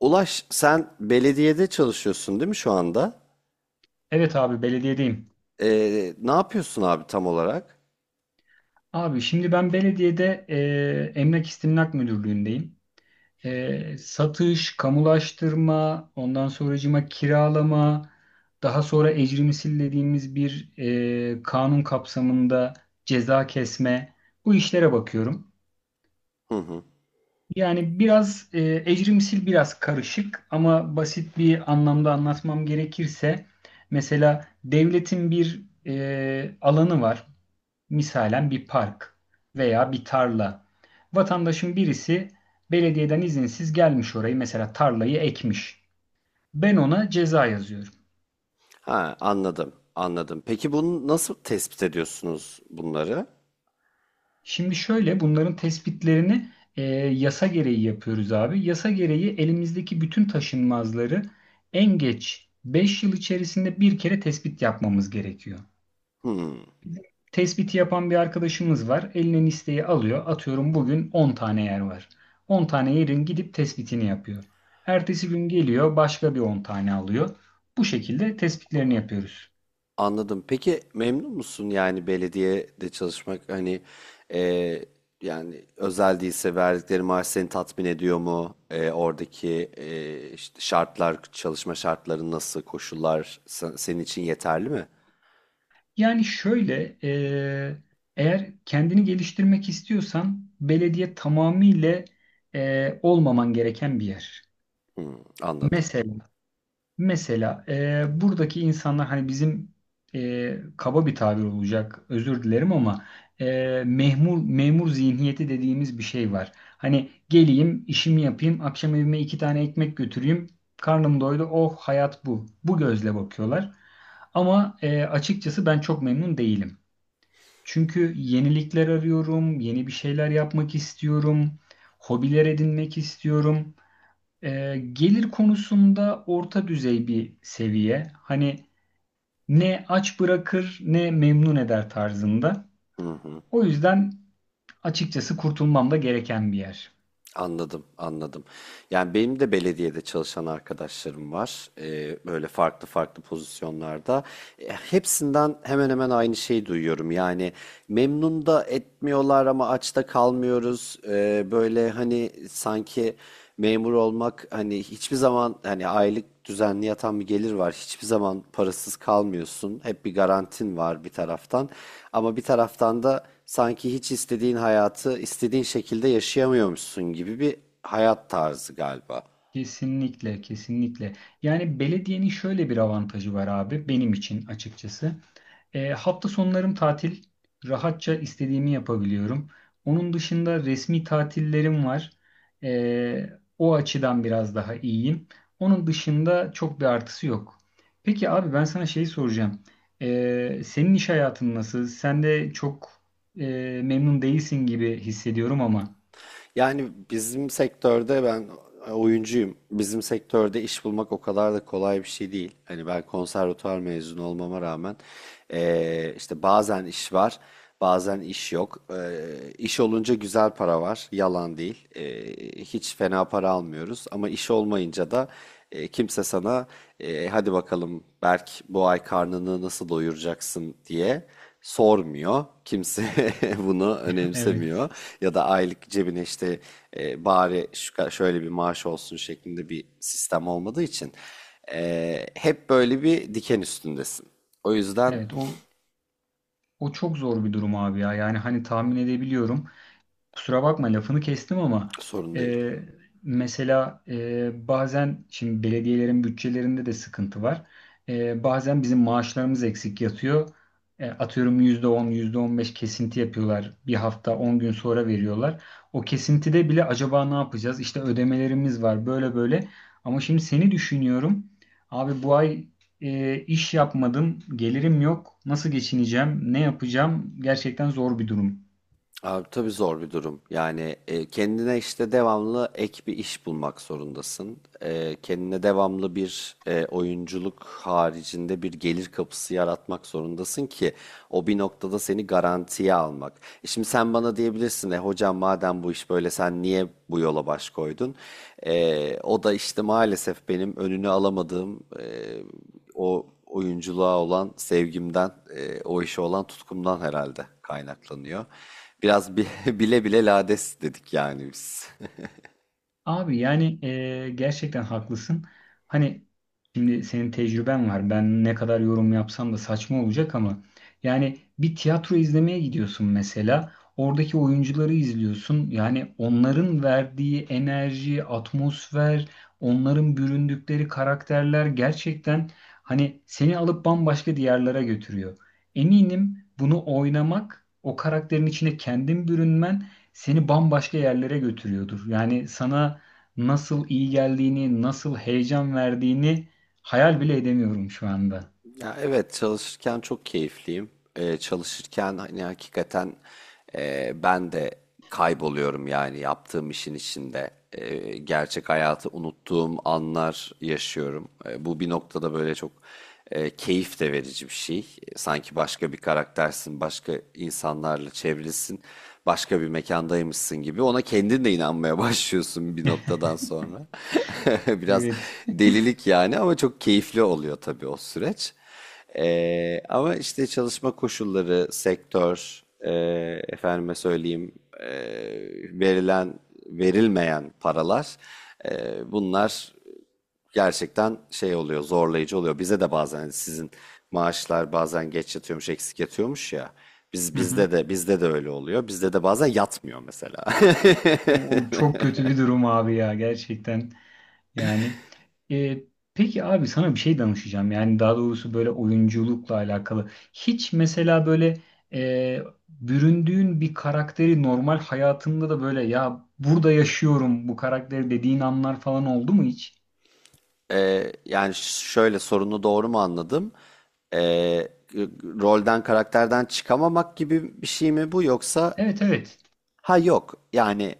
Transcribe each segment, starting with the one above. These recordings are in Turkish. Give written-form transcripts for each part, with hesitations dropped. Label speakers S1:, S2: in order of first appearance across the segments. S1: Ulaş sen belediyede çalışıyorsun değil mi şu anda?
S2: Evet abi belediyedeyim.
S1: Ne yapıyorsun abi tam olarak?
S2: Abi şimdi ben belediyede Emlak İstimlak Müdürlüğü'ndeyim. Satış, kamulaştırma, ondan sonracıma kiralama, daha sonra ecrimsil dediğimiz bir kanun kapsamında ceza kesme bu işlere bakıyorum.
S1: Hı hı.
S2: Yani biraz ecrimsil biraz karışık ama basit bir anlamda anlatmam gerekirse mesela devletin bir alanı var. Misalen bir park veya bir tarla. Vatandaşın birisi belediyeden izinsiz gelmiş orayı mesela tarlayı ekmiş. Ben ona ceza yazıyorum.
S1: Ha anladım anladım. Peki bunu nasıl tespit ediyorsunuz bunları?
S2: Şimdi şöyle bunların tespitlerini yasa gereği yapıyoruz abi. Yasa gereği elimizdeki bütün taşınmazları en geç 5 yıl içerisinde bir kere tespit yapmamız gerekiyor.
S1: Hmm,
S2: Tespiti yapan bir arkadaşımız var. Eline listeyi alıyor. Atıyorum bugün 10 tane yer var. 10 tane yerin gidip tespitini yapıyor. Ertesi gün geliyor başka bir 10 tane alıyor. Bu şekilde tespitlerini yapıyoruz.
S1: anladım. Peki memnun musun yani belediyede çalışmak hani e, yani özel değilse verdikleri maaş seni tatmin ediyor mu? Oradaki işte şartlar çalışma şartları nasıl koşullar senin için yeterli mi?
S2: Yani şöyle eğer kendini geliştirmek istiyorsan belediye tamamıyla olmaman gereken bir yer.
S1: Hmm, anladım.
S2: Mesela Mesela buradaki insanlar hani bizim kaba bir tabir olacak özür dilerim ama e, memur memur zihniyeti dediğimiz bir şey var. Hani geleyim işimi yapayım akşam evime iki tane ekmek götüreyim karnım doydu oh hayat bu. Bu gözle bakıyorlar. Ama açıkçası ben çok memnun değilim. Çünkü yenilikler arıyorum, yeni bir şeyler yapmak istiyorum, hobiler edinmek istiyorum. Gelir konusunda orta düzey bir seviye. Hani ne aç bırakır ne memnun eder tarzında. O yüzden açıkçası kurtulmam da gereken bir yer.
S1: Anladım, anladım. Yani benim de belediyede çalışan arkadaşlarım var. Böyle farklı farklı pozisyonlarda. Hepsinden hemen hemen aynı şeyi duyuyorum. Yani memnun da etmiyorlar ama aç da kalmıyoruz. Böyle hani sanki memur olmak hani hiçbir zaman hani aylık düzenli yatan bir gelir var. Hiçbir zaman parasız kalmıyorsun. Hep bir garantin var bir taraftan. Ama bir taraftan da sanki hiç istediğin hayatı istediğin şekilde yaşayamıyormuşsun gibi bir hayat tarzı galiba.
S2: Kesinlikle, kesinlikle. Yani belediyenin şöyle bir avantajı var abi benim için açıkçası. Hafta sonlarım tatil. Rahatça istediğimi yapabiliyorum. Onun dışında resmi tatillerim var. E, o açıdan biraz daha iyiyim. Onun dışında çok bir artısı yok. Peki abi ben sana şey soracağım. Senin iş hayatın nasıl? Sen de çok memnun değilsin gibi hissediyorum ama.
S1: Yani bizim sektörde ben oyuncuyum. Bizim sektörde iş bulmak o kadar da kolay bir şey değil. Hani ben konservatuvar mezunu olmama rağmen işte bazen iş var, bazen iş yok. İş olunca güzel para var, yalan değil. Hiç fena para almıyoruz ama iş olmayınca da kimse sana hadi bakalım Berk bu ay karnını nasıl doyuracaksın diye sormuyor. Kimse bunu
S2: Evet.
S1: önemsemiyor. Ya da aylık cebine işte bari şu şöyle bir maaş olsun şeklinde bir sistem olmadığı için hep böyle bir diken üstündesin. O yüzden
S2: Evet, o çok zor bir durum abi ya. Yani hani tahmin edebiliyorum. Kusura bakma lafını kestim ama
S1: sorun değil.
S2: e, mesela bazen şimdi belediyelerin bütçelerinde de sıkıntı var. Bazen bizim maaşlarımız eksik yatıyor. Atıyorum %10 %15 kesinti yapıyorlar. Bir hafta 10 gün sonra veriyorlar. O kesintide bile acaba ne yapacağız? İşte ödemelerimiz var böyle böyle. Ama şimdi seni düşünüyorum. Abi bu ay iş yapmadım, gelirim yok. Nasıl geçineceğim, ne yapacağım? Gerçekten zor bir durum.
S1: Abi tabii zor bir durum. Yani kendine işte devamlı ek bir iş bulmak zorundasın. Kendine devamlı bir oyunculuk haricinde bir gelir kapısı yaratmak zorundasın ki o bir noktada seni garantiye almak. Şimdi sen bana diyebilirsin, hocam madem bu iş böyle sen niye bu yola baş koydun? O da işte maalesef benim önünü alamadığım o oyunculuğa olan sevgimden, o işe olan tutkumdan herhalde kaynaklanıyor. Biraz bile bile lades dedik yani biz.
S2: Abi yani gerçekten haklısın. Hani şimdi senin tecrüben var. Ben ne kadar yorum yapsam da saçma olacak ama yani bir tiyatro izlemeye gidiyorsun mesela. Oradaki oyuncuları izliyorsun. Yani onların verdiği enerji, atmosfer, onların büründükleri karakterler gerçekten hani seni alıp bambaşka diyarlara götürüyor. Eminim bunu oynamak, o karakterin içine kendin bürünmen seni bambaşka yerlere götürüyordur. Yani sana nasıl iyi geldiğini, nasıl heyecan verdiğini hayal bile edemiyorum şu anda.
S1: Ya evet çalışırken çok keyifliyim. Çalışırken hani hakikaten ben de kayboluyorum yani yaptığım işin içinde. Gerçek hayatı unuttuğum anlar yaşıyorum. Bu bir noktada böyle çok keyif de verici bir şey. Sanki başka bir karaktersin, başka insanlarla çevrilisin, başka bir mekandaymışsın gibi. Ona kendin de inanmaya başlıyorsun bir noktadan sonra. Biraz
S2: Evet.
S1: delilik yani ama çok keyifli oluyor tabii o süreç. Ama işte çalışma koşulları, sektör, efendime söyleyeyim, e, verilen, verilmeyen paralar, e, bunlar gerçekten şey oluyor, zorlayıcı oluyor. Bize de bazen hani sizin maaşlar bazen geç yatıyormuş, eksik yatıyormuş ya. Biz
S2: Hı hı.
S1: bizde de bizde de öyle oluyor. Bizde de bazen yatmıyor mesela.
S2: O, o çok kötü bir durum abi ya gerçekten. Yani e, peki abi sana bir şey danışacağım. Yani daha doğrusu böyle oyunculukla alakalı. Hiç mesela böyle e, büründüğün bir karakteri normal hayatında da böyle ya burada yaşıyorum bu karakteri dediğin anlar falan oldu mu hiç?
S1: Yani şöyle sorunu doğru mu anladım? Ee, Rolden, karakterden çıkamamak gibi bir şey mi bu yoksa?
S2: Evet evet.
S1: Ha yok yani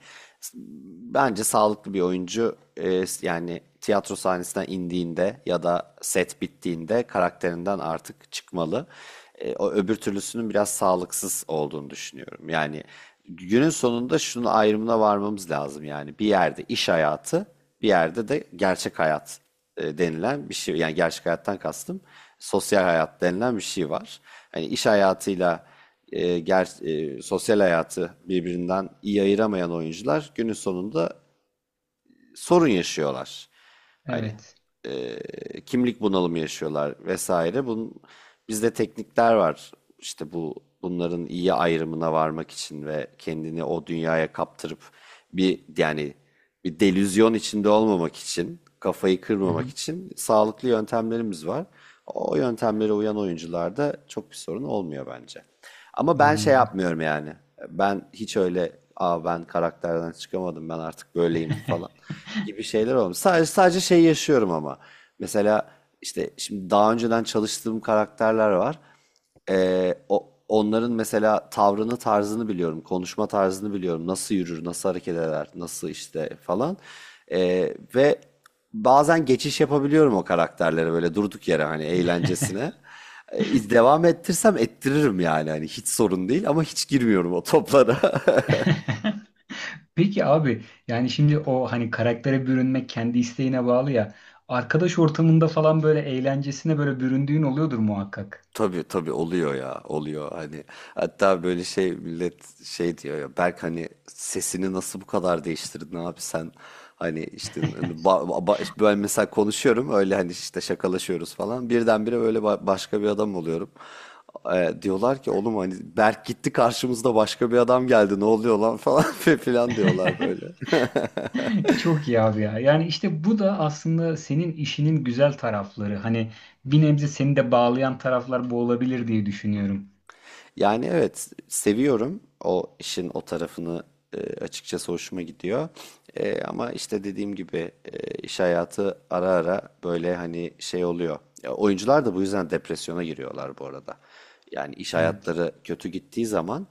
S1: bence sağlıklı bir oyuncu yani tiyatro sahnesinden indiğinde ya da set bittiğinde karakterinden artık çıkmalı. O öbür türlüsünün biraz sağlıksız olduğunu düşünüyorum. Yani günün sonunda şunun ayrımına varmamız lazım, yani bir yerde iş hayatı, bir yerde de gerçek hayat denilen bir şey, yani gerçek hayattan kastım sosyal hayat denilen bir şey var. Hani iş hayatıyla sosyal hayatı birbirinden iyi ayıramayan oyuncular günün sonunda sorun yaşıyorlar. Hani
S2: Evet.
S1: kimlik bunalımı yaşıyorlar vesaire. Bizde teknikler var. İşte bunların iyi ayrımına varmak için ve kendini o dünyaya kaptırıp bir yani bir delüzyon içinde olmamak için, kafayı
S2: Hı
S1: kırmamak
S2: hı.
S1: için sağlıklı yöntemlerimiz var. O yöntemlere uyan oyuncularda çok bir sorun olmuyor bence. Ama ben şey
S2: Anladım.
S1: yapmıyorum yani. Ben hiç öyle ben karakterden çıkamadım ben artık böyleyim falan gibi şeyler olmuyor. Sadece şey yaşıyorum ama. Mesela işte şimdi daha önceden çalıştığım karakterler var. Onların mesela tavrını, tarzını biliyorum, konuşma tarzını biliyorum. Nasıl yürür, nasıl hareket eder, nasıl işte falan. Ve bazen geçiş yapabiliyorum o karakterlere böyle durduk yere hani eğlencesine. Devam ettirsem ettiririm yani hani hiç sorun değil ama hiç girmiyorum o toplara.
S2: Peki abi yani şimdi o hani karaktere bürünmek kendi isteğine bağlı ya. Arkadaş ortamında falan böyle eğlencesine böyle büründüğün oluyordur muhakkak.
S1: Tabii tabii oluyor ya, oluyor hani, hatta böyle şey, millet şey diyor ya, Berk hani sesini nasıl bu kadar değiştirdin abi sen, hani işte hani işte ben mesela konuşuyorum öyle hani işte şakalaşıyoruz falan birdenbire böyle başka bir adam oluyorum. Diyorlar ki oğlum hani Berk gitti karşımızda başka bir adam geldi ne oluyor lan falan filan diyorlar böyle.
S2: Çok iyi abi ya. Yani işte bu da aslında senin işinin güzel tarafları. Hani bir nebze seni de bağlayan taraflar bu olabilir diye düşünüyorum.
S1: Yani evet seviyorum o işin o tarafını, açıkçası hoşuma gidiyor. Ama işte dediğim gibi iş hayatı ara ara böyle hani şey oluyor. Ya, oyuncular da bu yüzden depresyona giriyorlar bu arada. Yani iş
S2: Evet.
S1: hayatları kötü gittiği zaman,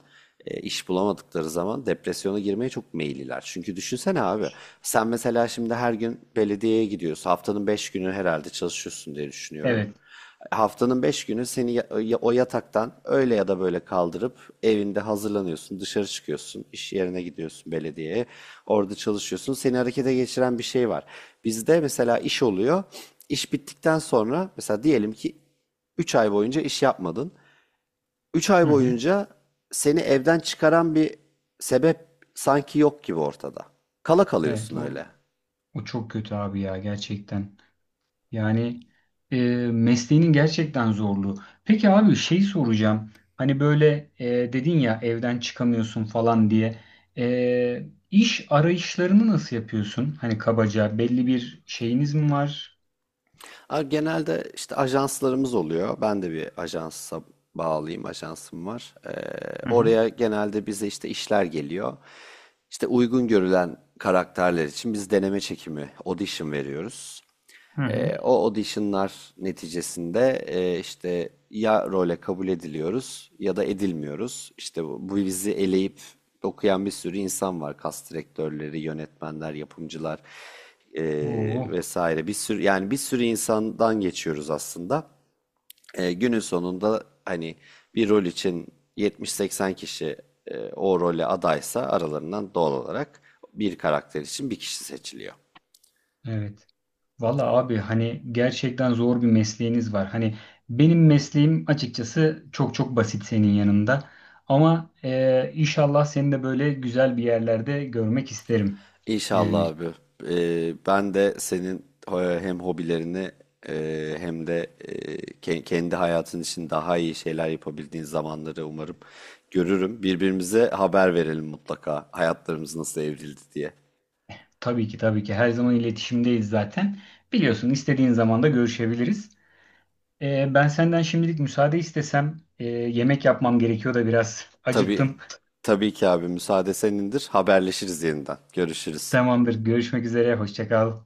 S1: iş bulamadıkları zaman depresyona girmeye çok meyilliler. Çünkü düşünsene abi, sen mesela şimdi her gün belediyeye gidiyorsun. Haftanın 5 günü herhalde çalışıyorsun diye düşünüyorum.
S2: Evet.
S1: Haftanın 5 günü seni o yataktan öyle ya da böyle kaldırıp evinde hazırlanıyorsun, dışarı çıkıyorsun, iş yerine gidiyorsun belediyeye, orada çalışıyorsun. Seni harekete geçiren bir şey var. Bizde mesela iş oluyor. İş bittikten sonra mesela diyelim ki 3 ay boyunca iş yapmadın. Üç ay
S2: Hı hı.
S1: boyunca seni evden çıkaran bir sebep sanki yok gibi ortada. Kala
S2: Evet,
S1: kalıyorsun
S2: o,
S1: öyle.
S2: o çok kötü abi ya gerçekten. Yani e, mesleğinin gerçekten zorluğu. Peki abi şey soracağım. Hani böyle dedin ya evden çıkamıyorsun falan diye. İş arayışlarını nasıl yapıyorsun? Hani kabaca belli bir şeyiniz mi var?
S1: Genelde işte ajanslarımız oluyor. Ben de bir ajansa bağlıyım, ajansım var.
S2: Hı hı.
S1: Oraya genelde bize işte işler geliyor. İşte uygun görülen karakterler için biz deneme çekimi, audition veriyoruz.
S2: Hı hı.
S1: O auditionlar neticesinde işte ya role kabul ediliyoruz ya da edilmiyoruz. İşte bu bizi eleyip okuyan bir sürü insan var. Kast direktörleri, yönetmenler, yapımcılar e,
S2: Oo,
S1: vesaire. Bir sürü, yani bir sürü insandan geçiyoruz aslında. Günün sonunda hani bir rol için 70-80 kişi o role adaysa aralarından doğal olarak bir karakter için bir kişi seçiliyor.
S2: evet. Valla abi hani gerçekten zor bir mesleğiniz var. Hani benim mesleğim açıkçası çok çok basit senin yanında. Ama inşallah seni de böyle güzel bir yerlerde görmek isterim.
S1: İnşallah
S2: Yani.
S1: abi. Ben de senin hem hobilerini, hem de kendi hayatın için daha iyi şeyler yapabildiğin zamanları umarım görürüm. Birbirimize haber verelim mutlaka hayatlarımız nasıl evrildi diye.
S2: Tabii ki tabii ki her zaman iletişimdeyiz zaten. Biliyorsun istediğin zaman da görüşebiliriz. Ben senden şimdilik müsaade istesem yemek yapmam gerekiyor da biraz
S1: Tabii,
S2: acıktım.
S1: tabii ki abi, müsaade senindir. Haberleşiriz yeniden. Görüşürüz.
S2: Tamamdır görüşmek üzere hoşça kal.